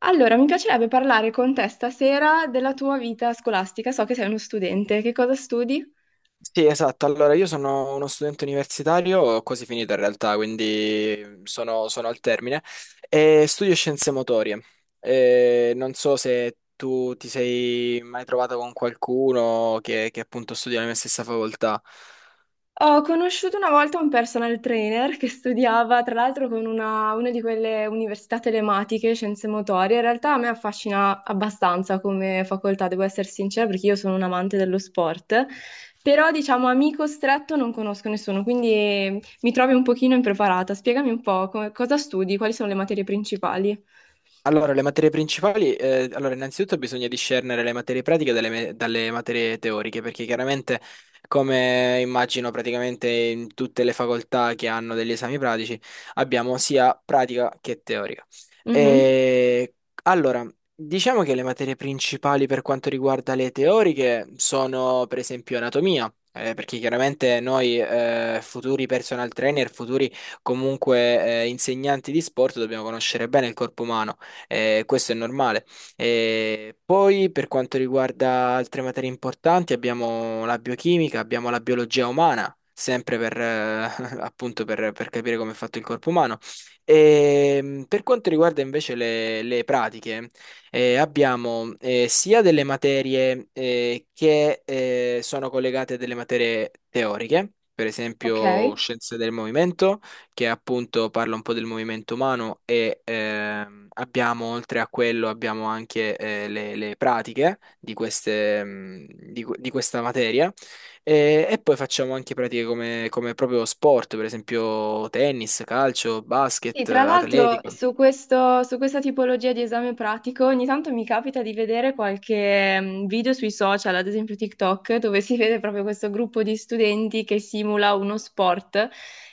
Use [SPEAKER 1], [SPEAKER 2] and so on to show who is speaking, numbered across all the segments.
[SPEAKER 1] Allora, mi piacerebbe parlare con te stasera della tua vita scolastica. So che sei uno studente, che cosa studi?
[SPEAKER 2] Sì, esatto. Allora, io sono uno studente universitario, ho quasi finito in realtà, quindi sono al termine, e studio scienze motorie. E non so se tu ti sei mai trovato con qualcuno che appunto studia la mia stessa facoltà.
[SPEAKER 1] Ho conosciuto una volta un personal trainer che studiava, tra l'altro, con una di quelle università telematiche, scienze motorie. In realtà a me affascina abbastanza come facoltà, devo essere sincera, perché io sono un amante dello sport. Però, diciamo, amico stretto non conosco nessuno, quindi mi trovi un pochino impreparata. Spiegami un po' cosa studi, quali sono le materie principali.
[SPEAKER 2] Allora, le materie principali, allora innanzitutto bisogna discernere le materie pratiche dalle materie teoriche, perché chiaramente, come immagino praticamente in tutte le facoltà che hanno degli esami pratici, abbiamo sia pratica che teorica.
[SPEAKER 1] Mhm.
[SPEAKER 2] E, allora, diciamo che le materie principali per quanto riguarda le teoriche sono per esempio anatomia, perché chiaramente noi, futuri personal trainer, futuri comunque, insegnanti di sport, dobbiamo conoscere bene il corpo umano. Questo è normale. Poi per quanto riguarda altre materie importanti abbiamo la biochimica, abbiamo la biologia umana, sempre appunto per capire come è fatto il corpo umano. E, per quanto riguarda invece le pratiche, abbiamo, sia delle materie, che, sono collegate a delle materie teoriche, per
[SPEAKER 1] Ok.
[SPEAKER 2] esempio scienze del movimento, che appunto parla un po' del movimento umano. E, abbiamo, oltre a quello abbiamo anche, le pratiche di queste, di questa materia, e poi facciamo anche pratiche come proprio sport, per esempio tennis, calcio,
[SPEAKER 1] Sì,
[SPEAKER 2] basket,
[SPEAKER 1] tra l'altro
[SPEAKER 2] atletica.
[SPEAKER 1] su su questa tipologia di esame pratico ogni tanto mi capita di vedere qualche video sui social, ad esempio TikTok, dove si vede proprio questo gruppo di studenti che simula uno sport.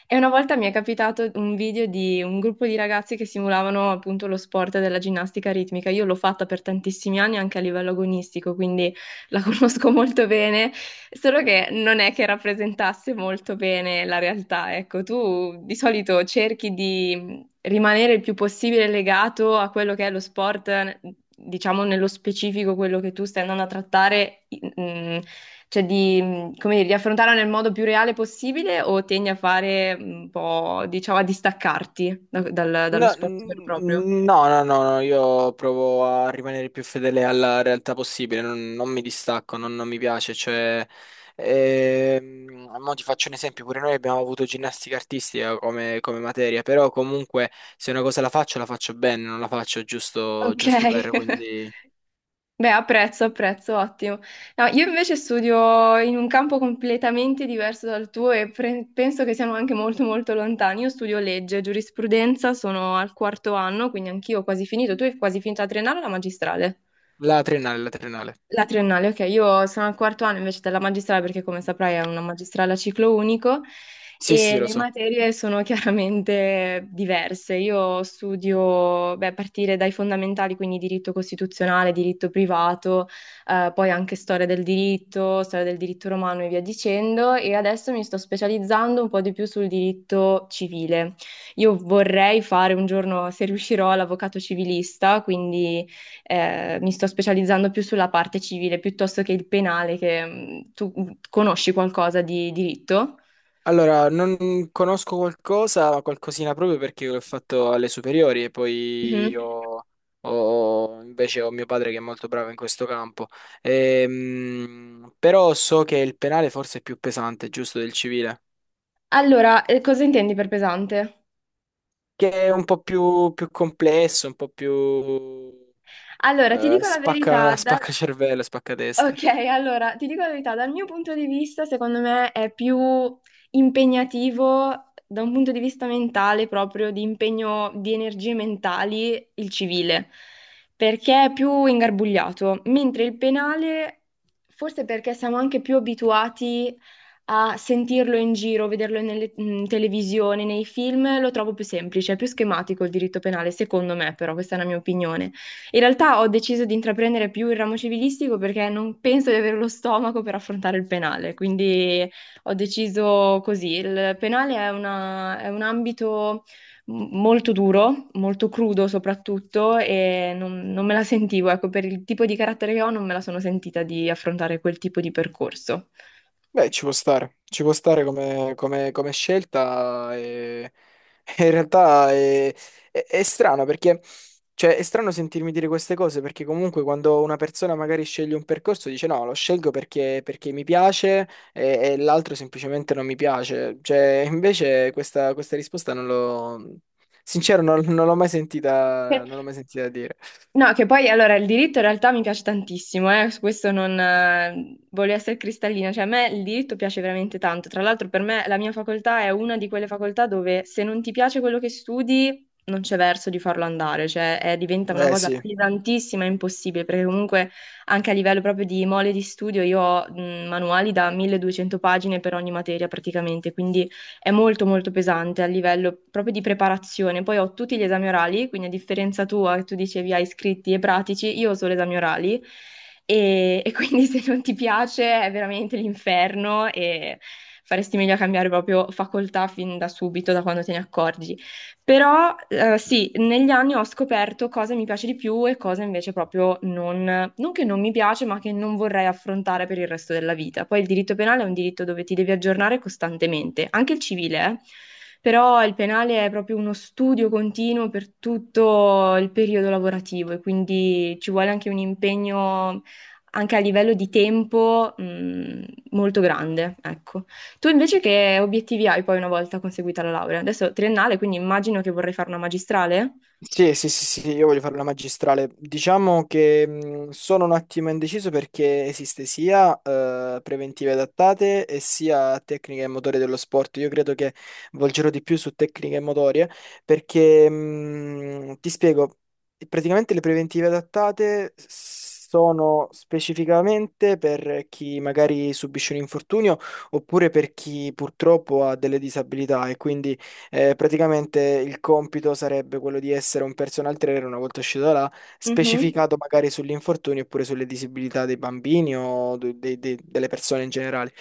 [SPEAKER 1] E una volta mi è capitato un video di un gruppo di ragazzi che simulavano appunto lo sport della ginnastica ritmica. Io l'ho fatta per tantissimi anni anche a livello agonistico, quindi la conosco molto bene, solo che non è che rappresentasse molto bene la realtà. Ecco, tu di solito cerchi di rimanere il più possibile legato a quello che è lo sport, diciamo nello specifico quello che tu stai andando a trattare, mm, cioè di, come dire, di affrontarlo nel modo più reale possibile o tendi a fare un po', diciamo, a distaccarti dallo
[SPEAKER 2] No,
[SPEAKER 1] sport vero e proprio?
[SPEAKER 2] no, no, no, no, io provo a rimanere più fedele alla realtà possibile, non, non mi distacco, non, non mi piace, cioè, mo ti faccio un esempio, pure noi abbiamo avuto ginnastica artistica come, come materia, però comunque, se una cosa la faccio bene, non la faccio giusto
[SPEAKER 1] Ok.
[SPEAKER 2] giusto per, quindi...
[SPEAKER 1] Beh, apprezzo, apprezzo, ottimo. No, io invece studio in un campo completamente diverso dal tuo e penso che siamo anche molto molto lontani. Io studio legge, giurisprudenza, sono al quarto anno, quindi anch'io ho quasi finito. Tu hai quasi finito la triennale o la magistrale?
[SPEAKER 2] La triennale, la triennale.
[SPEAKER 1] La triennale, ok, io sono al quarto anno invece della magistrale perché come saprai è una magistrale a ciclo unico
[SPEAKER 2] Sì, sì,
[SPEAKER 1] e
[SPEAKER 2] lo
[SPEAKER 1] le
[SPEAKER 2] so.
[SPEAKER 1] materie sono chiaramente diverse. Io studio, beh, a partire dai fondamentali, quindi diritto costituzionale, diritto privato, poi anche storia del diritto romano e via dicendo e adesso mi sto specializzando un po' di più sul diritto civile. Io vorrei fare un giorno, se riuscirò, l'avvocato civilista, quindi mi sto specializzando più sulla parte civile piuttosto che il penale, che tu conosci qualcosa di diritto?
[SPEAKER 2] Allora, non conosco qualcosa, qualcosina, proprio perché l'ho fatto alle superiori e poi
[SPEAKER 1] Mhm.
[SPEAKER 2] ho, invece ho mio padre che è molto bravo in questo campo. Però so che il penale forse è più pesante, giusto, del civile,
[SPEAKER 1] Allora, cosa intendi per pesante?
[SPEAKER 2] che è un po' più, più complesso, un po' più,
[SPEAKER 1] Allora, ti dico la verità,
[SPEAKER 2] spacca,
[SPEAKER 1] da-
[SPEAKER 2] spacca cervello, spacca testa.
[SPEAKER 1] Ok, allora ti dico la verità, dal mio punto di vista, secondo me è più impegnativo da un punto di vista mentale, proprio di impegno di energie mentali, il civile, perché è più ingarbugliato, mentre il penale, forse perché siamo anche più abituati a sentirlo in giro, vederlo nelle, in televisione, nei film, lo trovo più semplice, è più schematico il diritto penale, secondo me, però questa è la mia opinione. In realtà ho deciso di intraprendere più il ramo civilistico perché non penso di avere lo stomaco per affrontare il penale, quindi ho deciso così. Il penale è è un ambito molto duro, molto crudo soprattutto, e non me la sentivo, ecco, per il tipo di carattere che ho, non me la sono sentita di affrontare quel tipo di percorso.
[SPEAKER 2] Beh, ci può stare come, come scelta. E e in realtà è, è strano perché, cioè, è strano sentirmi dire queste cose, perché comunque quando una persona magari sceglie un percorso dice no, lo scelgo perché, perché mi piace, e l'altro semplicemente non mi piace, cioè, invece questa, questa risposta non l'ho, sincero, non, non l'ho mai sentita, non l'ho mai sentita dire.
[SPEAKER 1] No, che poi allora il diritto in realtà mi piace tantissimo, su questo non voglio essere cristallina, cioè a me il diritto piace veramente tanto. Tra l'altro per me la mia facoltà è una di quelle facoltà dove se non ti piace quello che studi non c'è verso di farlo andare, cioè diventa una
[SPEAKER 2] Eh
[SPEAKER 1] cosa
[SPEAKER 2] sì.
[SPEAKER 1] pesantissima e impossibile, perché comunque anche a livello proprio di mole di studio io ho manuali da 1200 pagine per ogni materia praticamente, quindi è molto molto pesante a livello proprio di preparazione. Poi ho tutti gli esami orali, quindi a differenza tua, che tu dicevi hai scritti e pratici, io ho solo esami orali e quindi se non ti piace è veramente l'inferno e faresti meglio a cambiare proprio facoltà fin da subito, da quando te ne accorgi. Però sì, negli anni ho scoperto cosa mi piace di più e cosa invece proprio non che non mi piace, ma che non vorrei affrontare per il resto della vita. Poi il diritto penale è un diritto dove ti devi aggiornare costantemente, anche il civile, eh. Però il penale è proprio uno studio continuo per tutto il periodo lavorativo e quindi ci vuole anche un impegno anche a livello di tempo, molto grande, ecco. Tu invece che obiettivi hai poi una volta conseguita la laurea? Adesso triennale, quindi immagino che vorrei fare una magistrale?
[SPEAKER 2] Sì, sì, sì, sì, io voglio fare una magistrale. Diciamo che, sono un attimo indeciso, perché esiste sia, preventive adattate e sia tecniche e motorie dello sport. Io credo che volgerò di più su tecniche e motorie, perché, ti spiego, praticamente le preventive adattate sono specificamente per chi magari subisce un infortunio, oppure per chi purtroppo ha delle disabilità, e quindi, praticamente il compito sarebbe quello di essere un personal trainer una volta uscito da là,
[SPEAKER 1] Mhm.
[SPEAKER 2] specificato magari sugli infortuni oppure sulle disabilità dei bambini o delle persone in generale.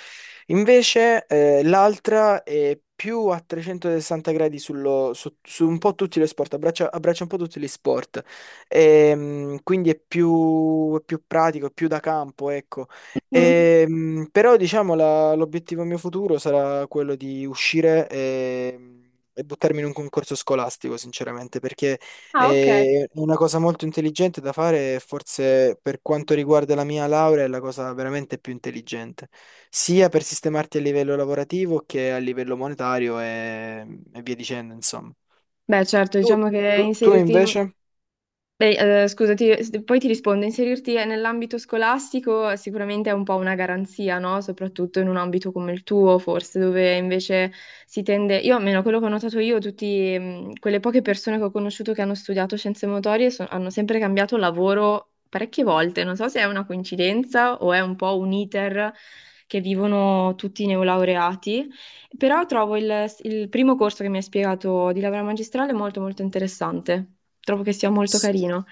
[SPEAKER 2] Invece, l'altra è più a 360 gradi su un po' tutti gli sport, abbraccia, abbraccia un po' tutti gli sport. Quindi è più pratico, è più da campo, ecco.
[SPEAKER 1] Mm.
[SPEAKER 2] Però diciamo, l'obiettivo mio futuro sarà quello di uscire, e buttarmi in un concorso scolastico, sinceramente, perché,
[SPEAKER 1] Ah, ok.
[SPEAKER 2] è una cosa molto intelligente da fare, e forse per quanto riguarda la mia laurea è la cosa veramente più intelligente, sia per sistemarti a livello lavorativo che a livello monetario, e via dicendo, insomma.
[SPEAKER 1] Beh, certo,
[SPEAKER 2] Tu,
[SPEAKER 1] diciamo che
[SPEAKER 2] tu
[SPEAKER 1] inserirti in.
[SPEAKER 2] invece?
[SPEAKER 1] Beh, scusa, poi ti rispondo, inserirti nell'ambito scolastico sicuramente è un po' una garanzia, no? Soprattutto in un ambito come il tuo, forse, dove invece si tende, io almeno quello che ho notato io, tutte quelle poche persone che ho conosciuto che hanno studiato scienze motorie hanno sempre cambiato lavoro parecchie volte, non so se è una coincidenza o è un po' un iter che vivono tutti i neolaureati. Però trovo il primo corso che mi hai spiegato di laurea magistrale molto molto interessante. Trovo che sia molto carino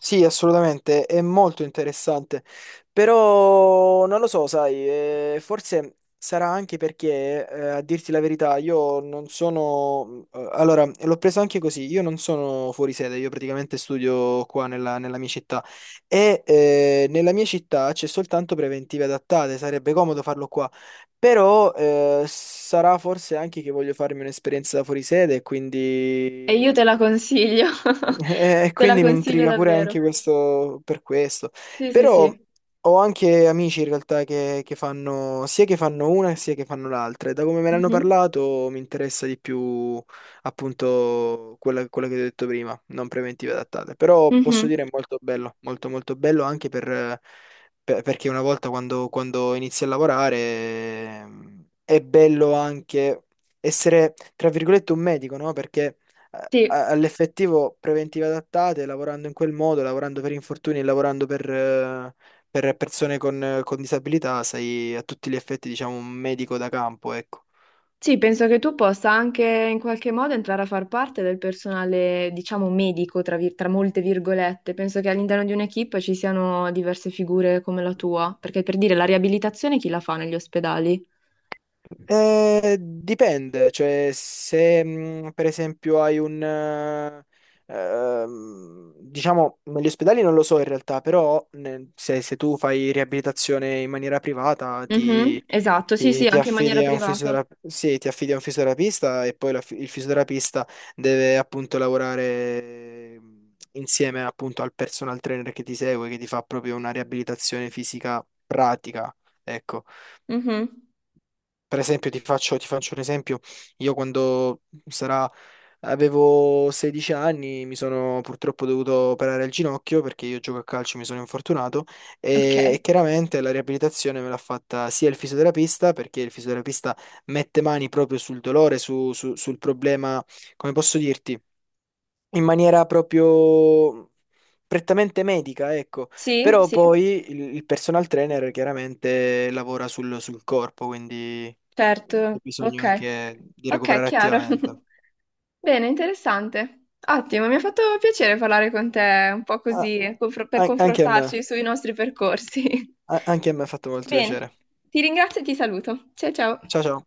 [SPEAKER 2] Sì, assolutamente, è molto interessante, però non lo so, sai, forse sarà anche perché, a dirti la verità, io non sono, allora, l'ho preso anche così, io non sono fuori sede, io praticamente studio qua nella mia città, e, nella mia città c'è soltanto preventive adattate, sarebbe comodo farlo qua, però, sarà forse anche che voglio farmi un'esperienza da fuori sede,
[SPEAKER 1] e
[SPEAKER 2] quindi,
[SPEAKER 1] io te la consiglio.
[SPEAKER 2] e
[SPEAKER 1] Te la
[SPEAKER 2] quindi mi
[SPEAKER 1] consiglio
[SPEAKER 2] intriga pure
[SPEAKER 1] davvero.
[SPEAKER 2] anche questo per questo.
[SPEAKER 1] Sì, sì,
[SPEAKER 2] Però
[SPEAKER 1] sì.
[SPEAKER 2] ho anche amici in realtà che fanno, sia che fanno una sia che fanno l'altra. E da come me ne hanno
[SPEAKER 1] Mhm.
[SPEAKER 2] parlato mi interessa di più appunto quella, quella che ti ho detto prima, non preventive adattate. Però posso
[SPEAKER 1] Mhm.
[SPEAKER 2] dire è molto bello, molto molto bello anche per, perché una volta quando, quando inizi a lavorare, è bello anche essere, tra virgolette, un medico, no? Perché,
[SPEAKER 1] Sì.
[SPEAKER 2] all'effettivo preventive adattate, lavorando in quel modo, lavorando per infortuni, e lavorando per persone con disabilità, sei a tutti gli effetti, diciamo, un medico da campo, ecco.
[SPEAKER 1] Sì, penso che tu possa anche in qualche modo entrare a far parte del personale, diciamo, medico, tra molte virgolette. Penso che all'interno di un'equipe ci siano diverse figure come la tua, perché per dire la riabilitazione chi la fa negli ospedali?
[SPEAKER 2] Dipende, cioè se, per esempio hai un, diciamo, negli ospedali non lo so in realtà, però se tu fai riabilitazione in maniera privata, ti...
[SPEAKER 1] Mhm, esatto, sì,
[SPEAKER 2] Ti,
[SPEAKER 1] sì,
[SPEAKER 2] ti
[SPEAKER 1] anche in maniera
[SPEAKER 2] affidi a un
[SPEAKER 1] privata.
[SPEAKER 2] fisiotera- Sì, ti affidi a un fisioterapista, e poi il fisioterapista deve appunto lavorare, insieme appunto al personal trainer che ti segue, che ti fa proprio una riabilitazione fisica pratica, ecco.
[SPEAKER 1] Mhm.
[SPEAKER 2] Per esempio, ti faccio un esempio. Io quando sarà, avevo 16 anni, mi sono purtroppo dovuto operare il ginocchio, perché io gioco a calcio, mi sono infortunato,
[SPEAKER 1] Ok.
[SPEAKER 2] e chiaramente la riabilitazione me l'ha fatta sia il fisioterapista, perché il fisioterapista mette mani proprio sul dolore, sul problema, come posso dirti? In maniera proprio prettamente medica, ecco.
[SPEAKER 1] Sì,
[SPEAKER 2] Però
[SPEAKER 1] sì,
[SPEAKER 2] poi, il personal trainer chiaramente lavora sul corpo, quindi, hai
[SPEAKER 1] certo. Ok.
[SPEAKER 2] bisogno anche di
[SPEAKER 1] Ok,
[SPEAKER 2] recuperare
[SPEAKER 1] chiaro.
[SPEAKER 2] attivamente.
[SPEAKER 1] Bene, interessante. Ottimo, mi ha fatto piacere parlare con te un po'
[SPEAKER 2] Ah,
[SPEAKER 1] così, per
[SPEAKER 2] anche a me,
[SPEAKER 1] confrontarci sui nostri percorsi.
[SPEAKER 2] anche a me ha fatto molto
[SPEAKER 1] Bene,
[SPEAKER 2] piacere.
[SPEAKER 1] ti ringrazio e ti saluto. Ciao ciao.
[SPEAKER 2] Ciao ciao.